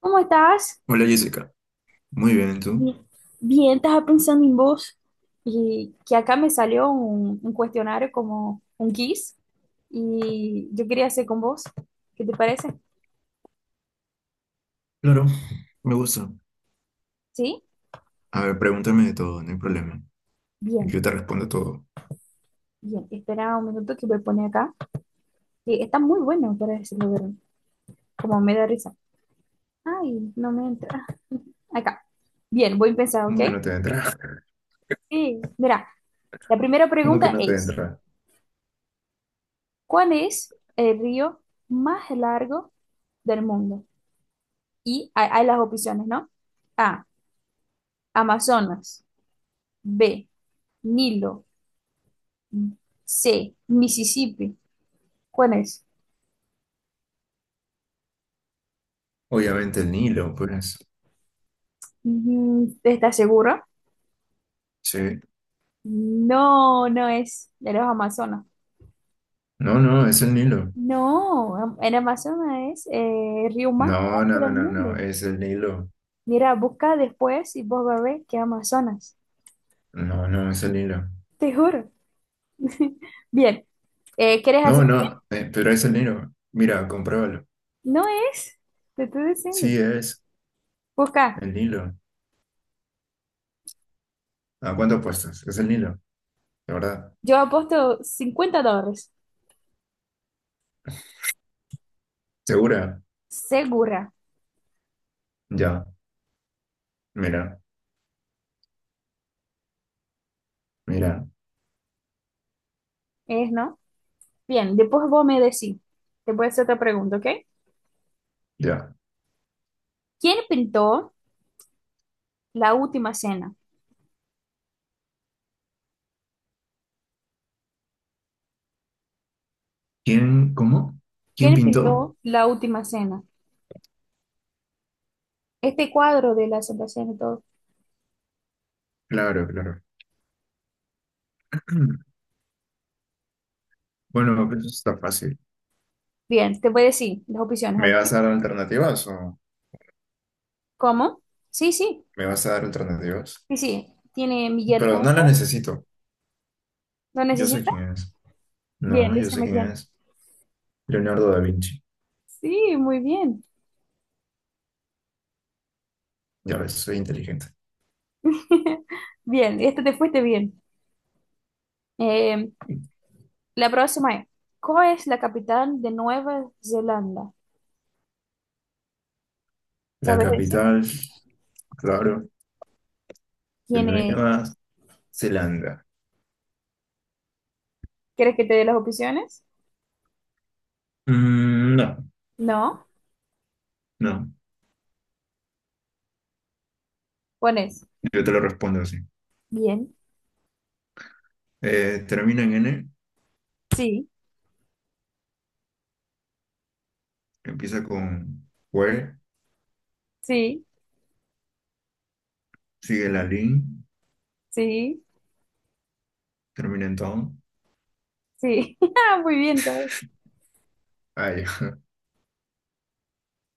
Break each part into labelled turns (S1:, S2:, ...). S1: ¿Cómo estás?
S2: Hola Jessica, muy bien, ¿y tú?
S1: Bien, Bien, estaba pensando en vos y que acá me salió un cuestionario como un quiz y yo quería hacer con vos. ¿Qué te parece?
S2: Claro, me gusta.
S1: ¿Sí?
S2: A ver, pregúntame de todo, no hay problema.
S1: Bien,
S2: Yo te respondo todo.
S1: bien. Espera un minuto que voy a poner acá. Sí, está muy bueno para decirlo, pero como me da risa. Ay, no me entra. Ah, Acá. Bien, voy a empezar, ¿ok?
S2: ¿Cómo que no te entra?
S1: Sí. Mira, la primera
S2: ¿Cómo que
S1: pregunta
S2: no te
S1: es,
S2: entra?
S1: ¿cuál es el río más largo del mundo? Y hay las opciones, ¿no? A, Amazonas. B. Nilo. C. Mississippi. ¿Cuál es?
S2: Obviamente el Nilo, pues.
S1: ¿Estás segura?
S2: Sí.
S1: No, no es de los Amazonas.
S2: No, no, es el Nilo.
S1: No, el Amazonas es el río más
S2: No, no,
S1: largo
S2: no,
S1: del
S2: no, no,
S1: mundo.
S2: es el Nilo.
S1: Mira, busca después y vos vas a ver que Amazonas.
S2: No, no, es el Nilo.
S1: Te juro. Bien, ¿quieres hacer?
S2: No, no, pero es el Nilo. Mira, compruébalo.
S1: No es, te estoy diciendo.
S2: Sí, es
S1: Busca,
S2: el Nilo. ¿A cuánto apuestas? Es el Nilo, de verdad.
S1: yo apuesto $50.
S2: ¿Segura?
S1: Segura,
S2: Ya, mira, mira,
S1: ¿es, no? Bien, después vos me decís. Te voy a hacer otra pregunta, ¿ok?
S2: ya.
S1: ¿Quién pintó La Última Cena?
S2: ¿Quién, cómo? ¿Quién
S1: ¿Quién
S2: pintó?
S1: pintó La Última Cena? Este cuadro de la Santa Cena y todo.
S2: Claro, claro. Bueno, pues eso está fácil.
S1: Bien, te voy a decir las opciones,
S2: ¿Me vas
S1: ¿ok?
S2: a dar alternativas o
S1: ¿Cómo? Sí, sí,
S2: me vas a dar alternativas?
S1: sí, sí. ¿Tiene Miguel
S2: Pero no las
S1: Ángel?
S2: necesito.
S1: ¿Lo
S2: Yo sé
S1: necesita?
S2: quién es.
S1: Bien,
S2: No, yo
S1: dice
S2: sé quién
S1: Miguel.
S2: es. Leonardo da Vinci.
S1: Sí, muy bien.
S2: Ya ves, soy inteligente.
S1: Bien, este te fuiste bien. Eh, la próxima es, ¿cuál es la capital de Nueva Zelanda?
S2: La
S1: ¿Sabes decir?
S2: capital, claro, de
S1: ¿Tiene,
S2: Nueva Zelanda.
S1: quieres que te dé las opciones?
S2: Mm, no,
S1: No.
S2: no.
S1: Pones
S2: Yo te lo respondo así.
S1: bien,
S2: Termina en N,
S1: sí,
S2: empieza con Hue,
S1: sí,
S2: sigue la Lin,
S1: sí,
S2: termina en Town.
S1: sí. Ah, muy bien, ¿sabes?
S2: Ah, ya.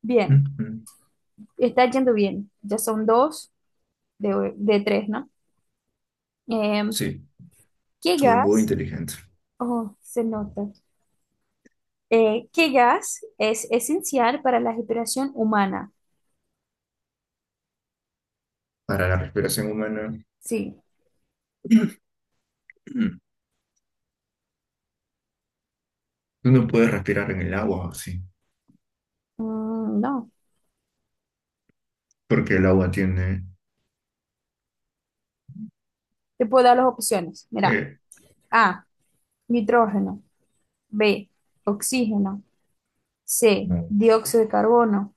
S1: Bien. Está yendo bien. Ya son dos de tres, ¿no? Em,
S2: Sí,
S1: ¿Qué
S2: soy muy
S1: gas?
S2: inteligente.
S1: Oh, se nota. ¿Qué gas es esencial para la respiración humana?
S2: Para la respiración humana,
S1: Sí.
S2: tú no puedes respirar en el agua así,
S1: Mm, no.
S2: porque el agua tiene
S1: Te puedo dar las opciones. Mira.
S2: eh,
S1: A. Nitrógeno. B. Oxígeno. C.
S2: no.
S1: Dióxido de carbono.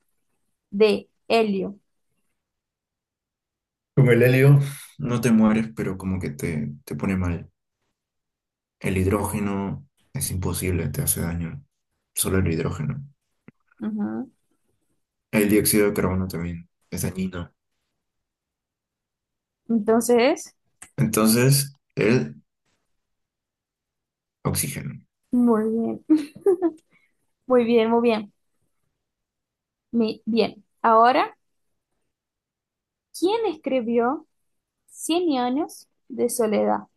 S1: D. Helio.
S2: Con el helio no te mueres, pero como que te pone mal. El hidrógeno es imposible, te hace daño. Solo el hidrógeno.
S1: Ujú.
S2: El dióxido de carbono también es dañino.
S1: Entonces,
S2: Entonces, el oxígeno.
S1: muy bien. Muy bien, muy bien. Bien. Ahora, ¿quién escribió Cien años de soledad?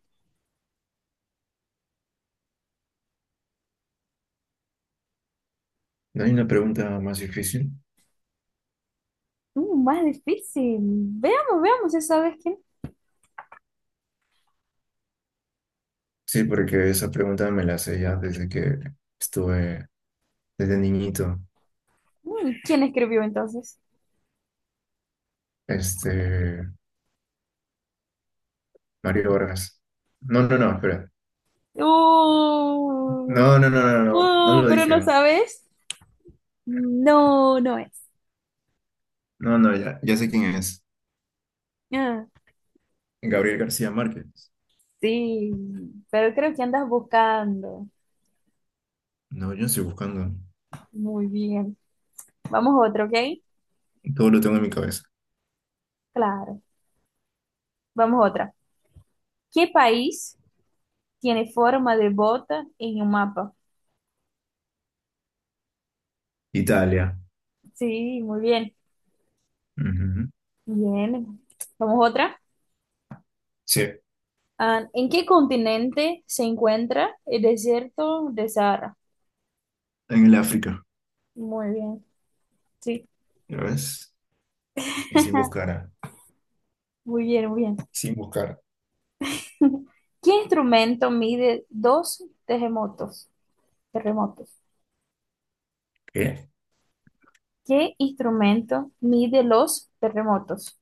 S2: ¿No hay una pregunta más difícil?
S1: Más difícil. Veamos, veamos, ya sabes quién.
S2: Sí, porque esa pregunta me la sé ya desde que estuve, desde niñito.
S1: ¿Quién escribió entonces?
S2: Este, Mario Vargas. No, no, no, espera.
S1: Uh,
S2: No, no, no, no, no, no lo
S1: pero
S2: dije.
S1: no
S2: No,
S1: sabes. No, no es.
S2: no, no, ya, ya sé quién es.
S1: Ah,
S2: Gabriel García Márquez.
S1: sí, pero creo que andas buscando.
S2: No, yo estoy buscando.
S1: Muy bien. Vamos a otra, ¿ok?
S2: Todo lo tengo en mi cabeza.
S1: Claro. Vamos a otra. ¿Qué país tiene forma de bota en un mapa?
S2: Italia.
S1: Sí, muy bien.
S2: Ujú.
S1: Bien, vamos otra.
S2: Sí,
S1: Ah, ¿en qué continente se encuentra el desierto de Sahara?
S2: en el África.
S1: Muy bien, sí.
S2: ¿Ya ves? Y sin buscar.
S1: Muy bien, muy bien.
S2: Sin buscar.
S1: ¿Qué instrumento mide dos terremotos? Terremotos.
S2: ¿Qué?
S1: ¿Qué instrumento mide los terremotos?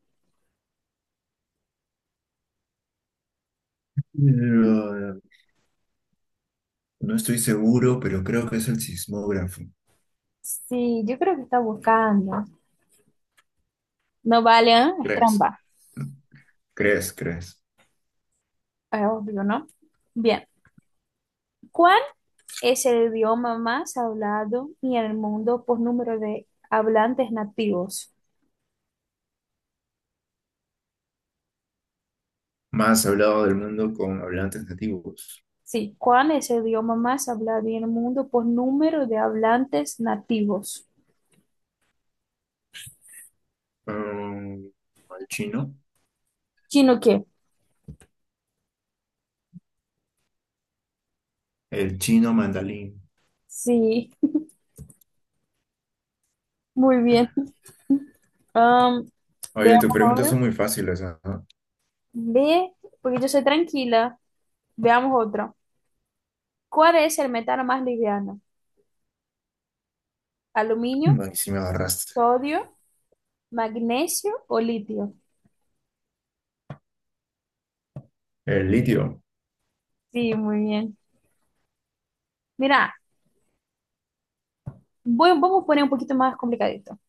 S2: Lo- no estoy seguro, pero creo que es el sismógrafo.
S1: Sí, yo creo que está buscando. No vale, ¿eh? Es
S2: ¿Crees?
S1: trampa.
S2: ¿Crees? ¿Crees?
S1: Es obvio, ¿no? Bien. ¿Cuál es el idioma más hablado en el mundo por número de hablantes nativos?
S2: Más hablado del mundo con hablantes nativos.
S1: Sí, ¿cuál es el idioma más hablado en el mundo por número de hablantes nativos?
S2: Mm, ¿El chino?
S1: ¿Chino qué?
S2: El chino mandarín.
S1: Sí, muy bien. Am,
S2: Oye, tus
S1: veamos
S2: preguntas son
S1: ahora.
S2: muy fáciles, ¿no?
S1: Ve, porque yo soy tranquila. Veamos otro. ¿Cuál es el metal más liviano? ¿Aluminio,
S2: Ay, sí me agarraste.
S1: sodio, magnesio o litio?
S2: El litio.
S1: Sí, muy bien. Mira, vamos a poner un poquito más complicadito.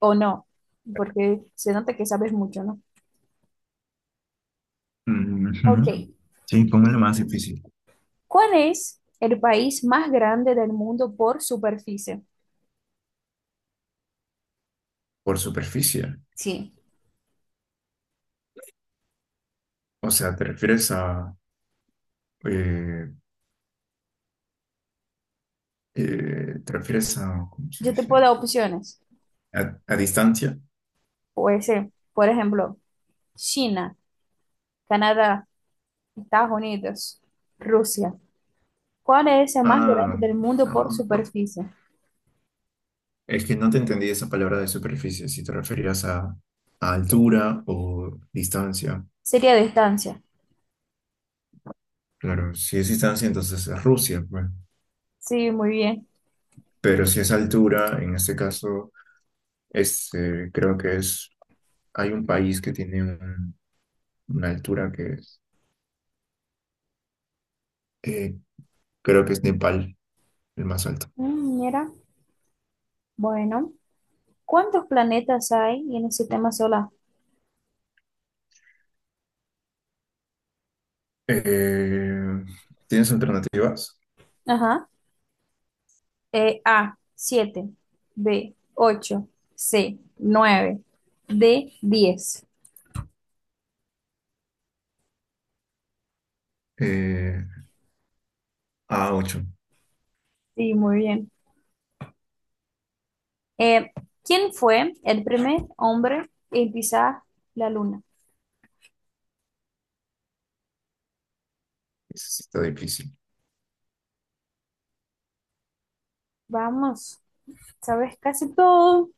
S1: O no, porque se nota que sabes mucho, ¿no? Ok,
S2: Ujú. Sí, ¿cómo es lo más difícil?
S1: ¿cuál es el país más grande del mundo por superficie?
S2: Por superficie.
S1: Sí.
S2: O sea, ¿te refieres a eh, te refieres a? ¿Cómo se
S1: Yo te
S2: dice?
S1: puedo dar opciones.
S2: a, distancia?
S1: Puede ser, por ejemplo, China, Canadá, Estados Unidos, Rusia. ¿Cuál es el más
S2: Ah,
S1: grande del mundo
S2: ah,
S1: por
S2: por-
S1: superficie?
S2: es que no te entendí esa palabra de superficie, si te referías a altura o distancia.
S1: Sería distancia.
S2: Claro, si es distancia, entonces es Rusia, pues.
S1: Sí, muy bien.
S2: Pero si es altura, en este caso, creo que es, hay un país que tiene un- una altura que eh, creo que es Nepal, el más alto.
S1: Mira, bueno, ¿cuántos planetas hay en el sistema solar?
S2: Eh, ¿Tienes alternativas?
S1: Ajá. A, 7 B, 8 C, 9 D, 10
S2: Eh, a ocho.
S1: Sí, muy bien. Eh, ¿Quién fue el primer hombre en pisar la luna?
S2: Ese sí está difícil.
S1: Vamos, sabes casi todo.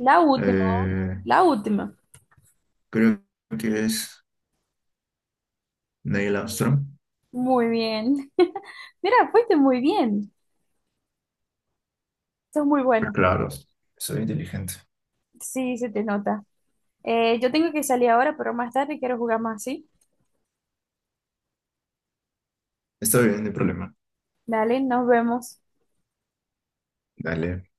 S1: La última,
S2: Eh,
S1: la última.
S2: Creo que es Neil Armstrong.
S1: Muy bien. Mira, fuiste muy bien. Sos muy
S2: Pero
S1: bueno.
S2: claro, soy inteligente.
S1: Sí, se te nota. Yo tengo que salir ahora, pero más tarde quiero jugar más, ¿sí?
S2: Está bien, no hay problema.
S1: Dale, nos vemos.
S2: Dale.